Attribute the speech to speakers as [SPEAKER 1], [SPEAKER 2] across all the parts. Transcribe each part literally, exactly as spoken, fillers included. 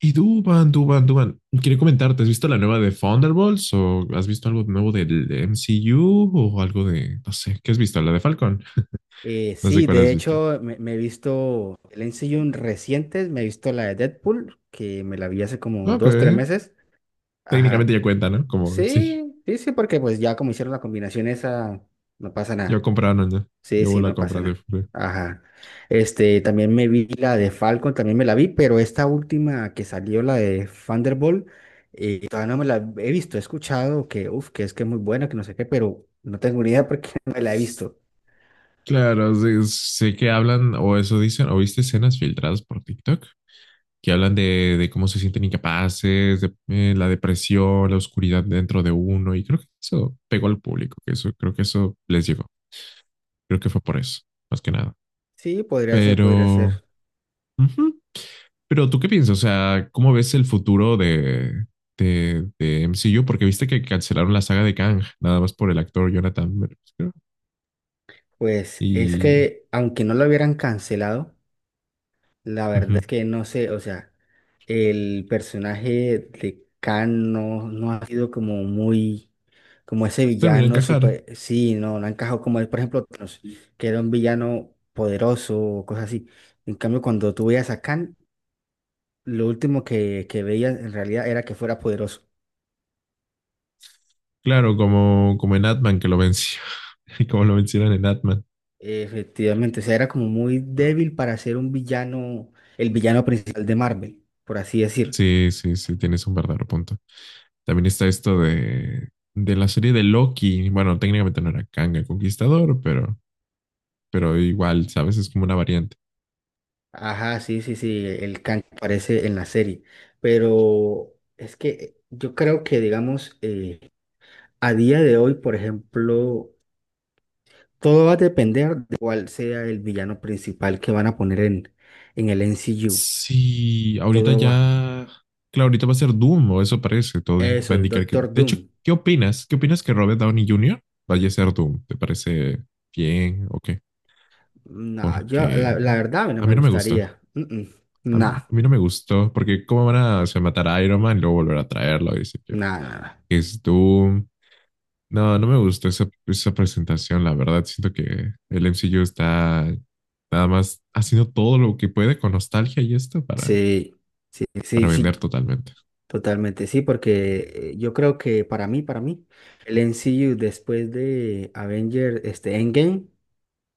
[SPEAKER 1] Y Duban, Duban, Duban, quería comentarte, ¿has visto la nueva de Thunderbolts o has visto algo nuevo del M C U o algo de, no sé, qué has visto? La de Falcon,
[SPEAKER 2] Eh,
[SPEAKER 1] no sé
[SPEAKER 2] sí,
[SPEAKER 1] cuál
[SPEAKER 2] de
[SPEAKER 1] has visto.
[SPEAKER 2] hecho, me, me he visto el M C U recientes, me he visto la de Deadpool, que me la vi hace como
[SPEAKER 1] Ok,
[SPEAKER 2] dos, tres meses. Ajá.
[SPEAKER 1] técnicamente ya cuenta, ¿no? Como, sí,
[SPEAKER 2] Sí, sí, sí, porque pues ya como hicieron la combinación esa, no pasa
[SPEAKER 1] yo
[SPEAKER 2] nada.
[SPEAKER 1] compraron ya,
[SPEAKER 2] Sí,
[SPEAKER 1] yo
[SPEAKER 2] sí,
[SPEAKER 1] la
[SPEAKER 2] no pasa
[SPEAKER 1] compra de...
[SPEAKER 2] nada. Ajá. Este, también me vi la de Falcon, también me la vi, pero esta última que salió, la de Thunderbolt, eh, todavía no me la he visto, he escuchado que, uf, que es que es muy buena, que no sé qué, pero no tengo ni idea porque no me la he visto.
[SPEAKER 1] Claro, sí, sé que hablan o eso dicen, o viste escenas filtradas por TikTok que hablan de, de cómo se sienten incapaces, de eh, la depresión, la oscuridad dentro de uno y creo que eso pegó al público, que eso creo que eso les llegó. Creo que fue por eso, más que nada.
[SPEAKER 2] Sí, podría ser, podría
[SPEAKER 1] Pero,
[SPEAKER 2] ser.
[SPEAKER 1] ujú. Pero ¿tú qué piensas? O sea, ¿cómo ves el futuro de, de, de M C U? Porque viste que cancelaron la saga de Kang, nada más por el actor Jonathan Majors, creo.
[SPEAKER 2] Pues es
[SPEAKER 1] Y
[SPEAKER 2] que aunque no lo hubieran cancelado, la verdad
[SPEAKER 1] ujú.
[SPEAKER 2] es que no sé, o sea, el personaje de Khan no, no ha sido como muy, como ese
[SPEAKER 1] Terminó de
[SPEAKER 2] villano
[SPEAKER 1] encajar.
[SPEAKER 2] super, sí, no, no ha encajado como él, por ejemplo, Thanos, que era un villano poderoso o cosas así. En cambio, cuando tú veías a Khan, lo último que, que veías en realidad era que fuera poderoso.
[SPEAKER 1] Claro, como, como en Atman que lo venció, y como lo vencieron en Atman.
[SPEAKER 2] Efectivamente, o sea, era como muy
[SPEAKER 1] Ah,
[SPEAKER 2] débil para ser un villano, el villano principal de Marvel, por así decir.
[SPEAKER 1] sí, sí, sí, tienes un verdadero punto. También está esto de, de la serie de Loki. Bueno, técnicamente no era Kang el Conquistador, pero, pero igual, ¿sabes? Es como una variante.
[SPEAKER 2] Ajá, sí, sí, sí, el can que aparece en la serie. Pero es que yo creo que, digamos, eh, a día de hoy, por ejemplo, todo va a depender de cuál sea el villano principal que van a poner en, en el M C U.
[SPEAKER 1] Sí, ahorita
[SPEAKER 2] Todo va.
[SPEAKER 1] ya, claro, ahorita va a ser Doom, o eso parece, todo va a
[SPEAKER 2] Eso, es
[SPEAKER 1] indicar que,
[SPEAKER 2] Doctor
[SPEAKER 1] de hecho,
[SPEAKER 2] Doom.
[SPEAKER 1] ¿qué opinas? ¿Qué opinas que Robert Downey junior vaya a ser Doom? ¿Te parece bien o qué?
[SPEAKER 2] No, yo, la,
[SPEAKER 1] Porque
[SPEAKER 2] la verdad, a mí no
[SPEAKER 1] a
[SPEAKER 2] me
[SPEAKER 1] mí no me gusta,
[SPEAKER 2] gustaría. Mm, mm.
[SPEAKER 1] a mí,
[SPEAKER 2] Nah,
[SPEAKER 1] a mí no me gustó, porque cómo van a, se matar a Iron Man y luego volver a traerlo, dice que
[SPEAKER 2] nah, nah, nah.
[SPEAKER 1] es Doom. No, no me gustó esa, esa presentación, la verdad, siento que el M C U está nada más haciendo todo lo que puede con nostalgia y esto para,
[SPEAKER 2] Sí, sí, sí,
[SPEAKER 1] para
[SPEAKER 2] sí.
[SPEAKER 1] vender totalmente.
[SPEAKER 2] Totalmente, sí, porque eh, yo creo que para mí, para mí, el M C U después de Avenger, este Endgame,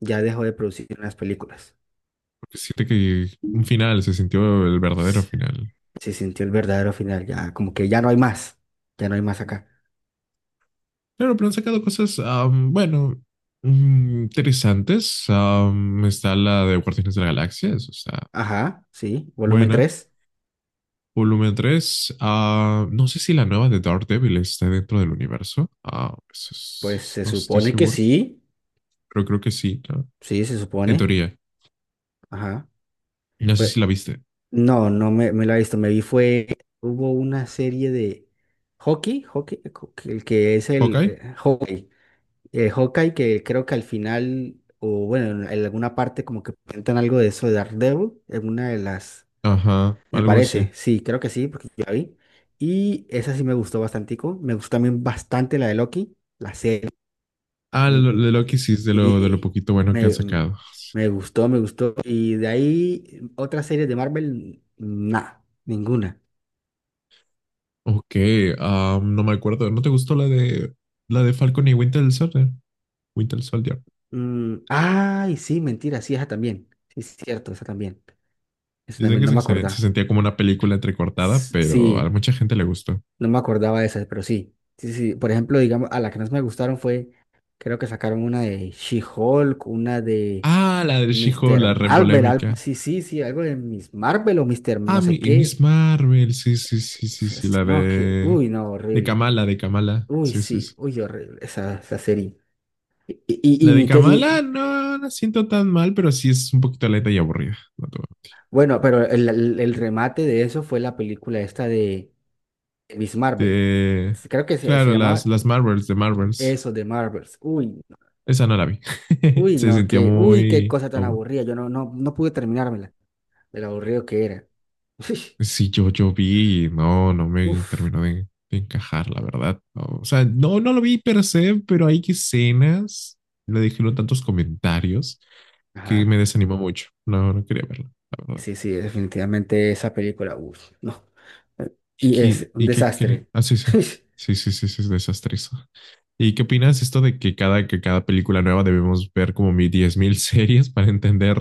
[SPEAKER 2] ya dejó de producir las películas.
[SPEAKER 1] Que siente que un final se sintió el verdadero
[SPEAKER 2] S-
[SPEAKER 1] final.
[SPEAKER 2] Se sintió el verdadero final, ya como que ya no hay más, ya no hay más acá.
[SPEAKER 1] Claro, pero han sacado cosas, am, bueno, mm, interesantes. Am, está la de Guardianes de la Galaxia, eso está
[SPEAKER 2] Ajá, sí, volumen
[SPEAKER 1] buena.
[SPEAKER 2] tres,
[SPEAKER 1] Volumen tres. Ah, no sé si la nueva de Daredevil está dentro del universo. Ah, eso es-
[SPEAKER 2] pues
[SPEAKER 1] es-
[SPEAKER 2] se
[SPEAKER 1] no estoy
[SPEAKER 2] supone que
[SPEAKER 1] seguro,
[SPEAKER 2] sí,
[SPEAKER 1] pero creo que sí, ¿no?
[SPEAKER 2] sí, se
[SPEAKER 1] En
[SPEAKER 2] supone,
[SPEAKER 1] teoría.
[SPEAKER 2] ajá.
[SPEAKER 1] No sé
[SPEAKER 2] Pues
[SPEAKER 1] si la viste.
[SPEAKER 2] no, no me, me la he visto, me vi fue, hubo una serie de hockey, hockey, co- que- el que es el
[SPEAKER 1] ¿Hawkeye?
[SPEAKER 2] eh, hockey, eh, Hawkeye, que creo que al final, o bueno, en en alguna parte como que presentan algo de eso de Daredevil, en una de las,
[SPEAKER 1] Ajá,
[SPEAKER 2] me
[SPEAKER 1] algo así.
[SPEAKER 2] parece, sí, creo que sí, porque yo la vi. Y esa sí me gustó bastantico. Me gustó también bastante la de Loki, la serie.
[SPEAKER 1] Ah,
[SPEAKER 2] Mm,
[SPEAKER 1] lo, lo
[SPEAKER 2] mm.
[SPEAKER 1] de Loki sí es de lo, de lo
[SPEAKER 2] Y
[SPEAKER 1] poquito bueno que han
[SPEAKER 2] me, mm,
[SPEAKER 1] sacado.
[SPEAKER 2] me gustó, me gustó. Y de ahí, otras series de Marvel, nada, ninguna.
[SPEAKER 1] Ok, ah, no me acuerdo. ¿No te gustó la de la de Falcon y Winter Soldier? Winter Soldier.
[SPEAKER 2] Mm, ay, sí, mentira, sí, esa también. Sí, es cierto, esa también. Esa
[SPEAKER 1] Dicen
[SPEAKER 2] también
[SPEAKER 1] que es
[SPEAKER 2] no me
[SPEAKER 1] excelente. Se
[SPEAKER 2] acordaba.
[SPEAKER 1] sentía como una película entrecortada,
[SPEAKER 2] S-
[SPEAKER 1] pero a
[SPEAKER 2] Sí.
[SPEAKER 1] mucha gente le gustó.
[SPEAKER 2] No me acordaba de esas, pero sí. Sí, sí. Por ejemplo, digamos, a las que más me gustaron fue, creo que sacaron una de She-Hulk, una de
[SPEAKER 1] Ah, la de She-Hulk,
[SPEAKER 2] míster
[SPEAKER 1] la re
[SPEAKER 2] Marvel, algo,
[SPEAKER 1] polémica.
[SPEAKER 2] sí, sí, sí, algo de Miss Marvel o míster no
[SPEAKER 1] Ah, mi-
[SPEAKER 2] sé
[SPEAKER 1] y
[SPEAKER 2] qué.
[SPEAKER 1] Miss Marvel. Sí, sí,
[SPEAKER 2] S-
[SPEAKER 1] sí, sí,
[SPEAKER 2] s-
[SPEAKER 1] sí.
[SPEAKER 2] s-
[SPEAKER 1] La
[SPEAKER 2] No, que,
[SPEAKER 1] de
[SPEAKER 2] uy, no,
[SPEAKER 1] de
[SPEAKER 2] horrible.
[SPEAKER 1] Kamala, de Kamala.
[SPEAKER 2] Uy,
[SPEAKER 1] Sí, sí,
[SPEAKER 2] sí,
[SPEAKER 1] sí.
[SPEAKER 2] uy, horrible esa, esa serie. Y, y, y
[SPEAKER 1] La de
[SPEAKER 2] ni que-
[SPEAKER 1] Kamala
[SPEAKER 2] y-
[SPEAKER 1] no la siento tan mal, pero sí es un poquito lenta y aburrida. No te voy a...
[SPEAKER 2] Bueno, pero el, el- el remate de eso fue la película esta de Miss Marvel.
[SPEAKER 1] De...
[SPEAKER 2] Creo que se, se
[SPEAKER 1] Claro, las,
[SPEAKER 2] llamaba
[SPEAKER 1] las Marvels, de Marvels.
[SPEAKER 2] eso de Marvels. Uy.
[SPEAKER 1] Esa no la vi.
[SPEAKER 2] Uy,
[SPEAKER 1] Se
[SPEAKER 2] no,
[SPEAKER 1] sentía
[SPEAKER 2] que, uy, qué
[SPEAKER 1] muy...
[SPEAKER 2] cosa tan
[SPEAKER 1] no,
[SPEAKER 2] aburrida. Yo no, no, no pude terminármela, de lo aburrido que era.
[SPEAKER 1] sí, yo, yo vi y no, no me
[SPEAKER 2] Uf,
[SPEAKER 1] terminó de, de encajar, la verdad. No, o sea, no, no lo vi per se, pero hay escenas, le dijeron tantos comentarios que
[SPEAKER 2] ajá.
[SPEAKER 1] me desanimó mucho. No, no quería verla, la verdad.
[SPEAKER 2] Sí, sí, definitivamente esa película, uf, no. Eh,
[SPEAKER 1] ¿Y
[SPEAKER 2] Y es
[SPEAKER 1] qué?
[SPEAKER 2] un
[SPEAKER 1] y qué, cre-
[SPEAKER 2] desastre.
[SPEAKER 1] Ah, sí, sí. Sí, sí, sí, sí, es desastroso. ¿Y qué opinas esto de que cada, que cada película nueva debemos ver como mi- diez mil series para entender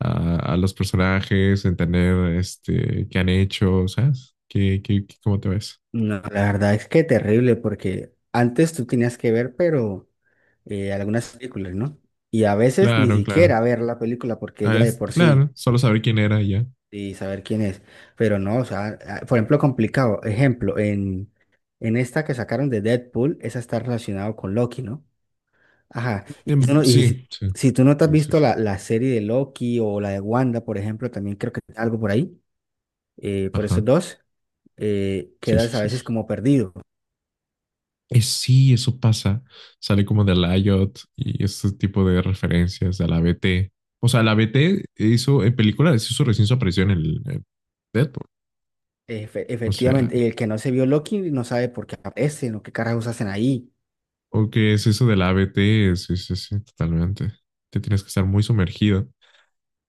[SPEAKER 1] a, a los personajes, entender este, qué han hecho, ¿sabes? ¿Qué, qué, qué- Cómo te ves?
[SPEAKER 2] No, la verdad es que terrible, porque antes tú tenías que ver, pero eh, algunas películas, ¿no? Y a veces ni
[SPEAKER 1] Claro, claro.
[SPEAKER 2] siquiera ver la película, porque ya
[SPEAKER 1] Ah,
[SPEAKER 2] de
[SPEAKER 1] es,
[SPEAKER 2] por sí.
[SPEAKER 1] claro, solo saber quién era y ya.
[SPEAKER 2] Y saber quién es. Pero no, o sea, ah, por ejemplo, complicado. Ejemplo, en, en esta que sacaron de Deadpool, esa está relacionada con Loki, ¿no? Ajá.
[SPEAKER 1] Em,
[SPEAKER 2] Y, tú no- y
[SPEAKER 1] Sí,
[SPEAKER 2] si,
[SPEAKER 1] sí,
[SPEAKER 2] si tú no te has
[SPEAKER 1] sí, sí,
[SPEAKER 2] visto
[SPEAKER 1] sí.
[SPEAKER 2] la, la serie de Loki o la de Wanda, por ejemplo, también creo que algo por ahí, eh, por esos
[SPEAKER 1] Ajá,
[SPEAKER 2] dos, eh,
[SPEAKER 1] sí, sí,
[SPEAKER 2] quedas a
[SPEAKER 1] sí, sí.
[SPEAKER 2] veces como perdido.
[SPEAKER 1] Es, sí, eso pasa. Sale como de la I O T y este tipo de referencias de la B T. O sea, la B T hizo en películas, hizo recién su aparición en, el- en Deadpool.
[SPEAKER 2] Efe-
[SPEAKER 1] O sea,
[SPEAKER 2] efectivamente, el que no se vio Loki no sabe por qué aparecen o qué carajos hacen ahí.
[SPEAKER 1] o que es eso de la A B T, sí, sí, sí, totalmente. Te tienes que estar muy sumergido.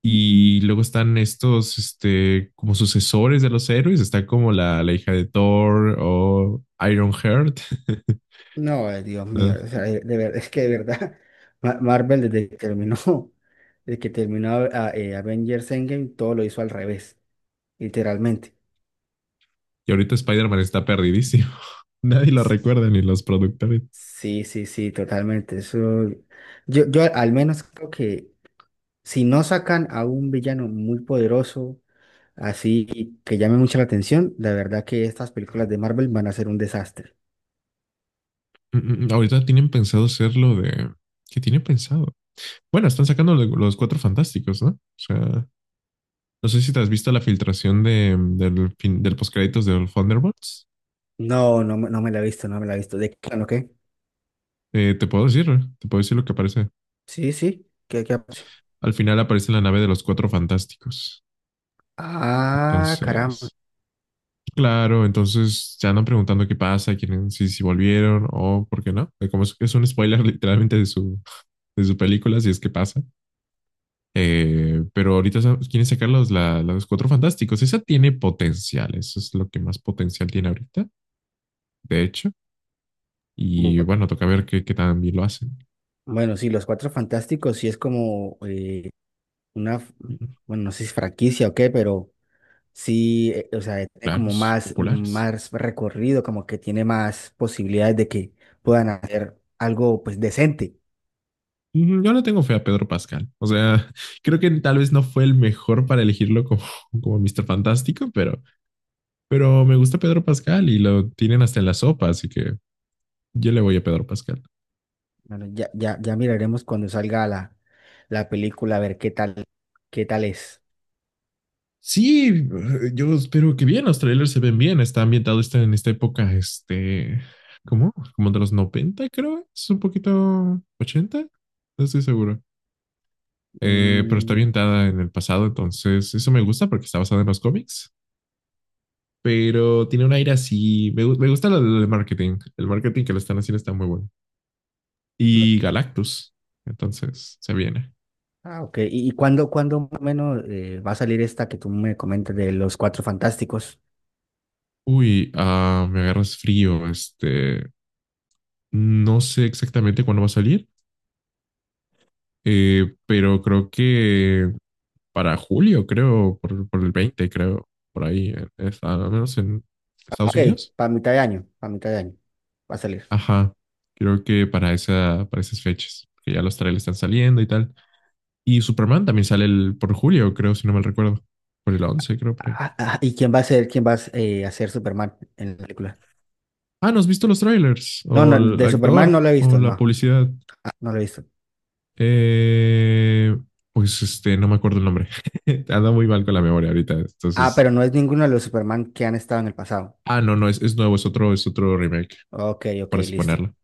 [SPEAKER 1] Y luego están estos, este, como sucesores de los héroes. Está como la, la hija de Thor o Ironheart.
[SPEAKER 2] No, eh, Dios mío,
[SPEAKER 1] ¿No?
[SPEAKER 2] o sea, eh, de verdad, es que de verdad, Ma- Marvel desde que terminó, desde que terminó a- eh, Avengers Endgame, todo lo hizo al revés, literalmente.
[SPEAKER 1] Y ahorita Spider-Man está perdidísimo. Nadie lo
[SPEAKER 2] S-
[SPEAKER 1] recuerda ni los productores.
[SPEAKER 2] Sí, sí, sí, totalmente. Eso, yo, yo al menos creo que si no sacan a un villano muy poderoso, así que llame mucho la atención, la verdad que estas películas de Marvel van a ser un desastre.
[SPEAKER 1] Mm, mm, mm. Ahorita tienen pensado hacer lo de... ¿Qué tienen pensado? Bueno, están sacando lo- los cuatro fantásticos, ¿no? O sea, no sé si te has visto la filtración de, del, fin, del postcréditos de los Thunderbolts.
[SPEAKER 2] No, no, me- no me la he visto, no me la he visto. ¿De qué? ¿No qué?
[SPEAKER 1] Eh, te puedo decir, te puedo decir lo que aparece.
[SPEAKER 2] Sí, sí, ¿qué, qué?
[SPEAKER 1] Al final aparece la nave de los cuatro fantásticos.
[SPEAKER 2] Ah, caramba.
[SPEAKER 1] Entonces... Claro, entonces se andan preguntando qué pasa, quieren, si, si volvieron o por qué no. Eh, como es, es un spoiler literalmente de su, de su película, si es que pasa. Eh, pero ahorita sa- quieren sacar los, la, los Cuatro Fantásticos. Esa tiene potencial, eso es lo que más potencial tiene ahorita, de hecho. Y bueno, toca ver qué, qué tan bien lo hacen.
[SPEAKER 2] Bueno, sí, los Cuatro Fantásticos sí es como eh, una, f- bueno, no sé si es franquicia o qué, pero sí, eh, o sea, tiene como
[SPEAKER 1] Claros,
[SPEAKER 2] más,
[SPEAKER 1] populares.
[SPEAKER 2] más recorrido, como que tiene más posibilidades de que puedan hacer algo pues decente.
[SPEAKER 1] Mm. Yo no tengo fe a Pedro Pascal. O sea, creo que tal vez no fue el mejor para elegirlo como, como mister Fantástico, pero Pero me gusta Pedro Pascal y lo tienen hasta en la sopa, así que yo le voy a Pedro Pascal.
[SPEAKER 2] Bueno, ya, ya, ya miraremos cuando salga la, la película a ver qué tal, qué tal es.
[SPEAKER 1] Sí, yo espero que bien, los trailers se ven bien, está ambientado está en esta época, este, ¿cómo? Como de los noventa creo, es un poquito ochenta, no estoy seguro. Eh, pero está
[SPEAKER 2] Mm,
[SPEAKER 1] ambientada en el pasado, entonces eso me gusta porque está basada en los cómics, pero tiene un aire así, me, me gusta lo del marketing, el marketing que le están haciendo está muy bueno.
[SPEAKER 2] no-
[SPEAKER 1] Y Galactus, entonces se viene.
[SPEAKER 2] ah, ok. ¿Y, y cuándo, cuándo más o menos eh, va a salir esta que tú me comentas de los Cuatro Fantásticos?
[SPEAKER 1] Uy, ah, me agarras frío. Este, no sé exactamente cuándo va a salir, eh, pero creo que para julio, creo, por, por el veinte, creo, por ahí, en- es- ah, al menos en Estados
[SPEAKER 2] Ok,
[SPEAKER 1] Unidos.
[SPEAKER 2] para mitad de año, para mitad de año va a salir.
[SPEAKER 1] Ajá, creo que para esa, para esas fechas, que ya los trailers están saliendo y tal. Y Superman también sale el, por julio, creo, si no mal recuerdo, por el once, creo, por ahí.
[SPEAKER 2] Ah, ah, ¿y quién va a ser, quién va a, s- eh, a ser Superman en la película?
[SPEAKER 1] Ah, ¿no has visto los trailers?
[SPEAKER 2] No,
[SPEAKER 1] O
[SPEAKER 2] no,
[SPEAKER 1] el
[SPEAKER 2] de Superman
[SPEAKER 1] actor,
[SPEAKER 2] no lo he
[SPEAKER 1] o
[SPEAKER 2] visto,
[SPEAKER 1] la
[SPEAKER 2] no,
[SPEAKER 1] publicidad.
[SPEAKER 2] ah, no lo he visto.
[SPEAKER 1] Eh, pues este, no me acuerdo el nombre. Anda muy mal con la memoria ahorita.
[SPEAKER 2] Ah,
[SPEAKER 1] Entonces,
[SPEAKER 2] pero no es ninguno de los Superman que han estado en el pasado.
[SPEAKER 1] ah, no, no, es, es nuevo, es otro, es otro remake,
[SPEAKER 2] Ok, ok,
[SPEAKER 1] por así
[SPEAKER 2] listo,
[SPEAKER 1] ponerlo.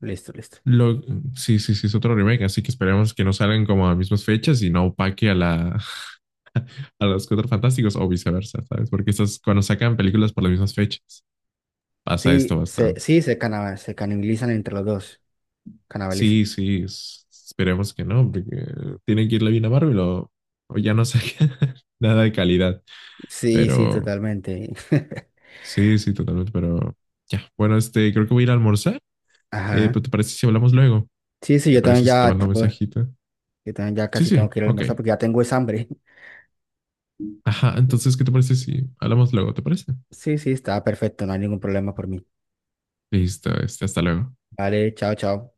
[SPEAKER 2] listo, listo.
[SPEAKER 1] Lo, sí, sí, sí, es otro remake, así que esperemos que no salgan como a mismas fechas y no opaque a la, a los Cuatro Fantásticos o viceversa, ¿sabes? Porque estas, cuando sacan películas por las mismas fechas, pasa esto
[SPEAKER 2] Sí, se,
[SPEAKER 1] bastante.
[SPEAKER 2] sí, se, cana- se canibalizan entre los dos, canibalizan.
[SPEAKER 1] Sí, sí, es- esperemos que no, porque tienen que irle bien a Marvel o, o ya no sacan nada de calidad,
[SPEAKER 2] Sí, sí,
[SPEAKER 1] pero
[SPEAKER 2] totalmente.
[SPEAKER 1] sí, sí, totalmente, pero ya. Bueno, este, creo que voy a ir a almorzar. Eh,
[SPEAKER 2] Ajá.
[SPEAKER 1] pero ¿te parece si hablamos luego?
[SPEAKER 2] Sí, sí,
[SPEAKER 1] ¿Te
[SPEAKER 2] yo también
[SPEAKER 1] parece si te
[SPEAKER 2] ya,
[SPEAKER 1] mando un
[SPEAKER 2] tengo-
[SPEAKER 1] mensajito?
[SPEAKER 2] yo también ya
[SPEAKER 1] Sí,
[SPEAKER 2] casi tengo
[SPEAKER 1] sí,
[SPEAKER 2] que ir a
[SPEAKER 1] ok.
[SPEAKER 2] almorzar porque ya tengo es hambre.
[SPEAKER 1] Ajá, entonces, ¿qué te parece si hablamos luego? ¿Te parece?
[SPEAKER 2] Sí, sí, está perfecto, no hay ningún problema por mí.
[SPEAKER 1] Listo, este, hasta luego.
[SPEAKER 2] Vale, chao, chao.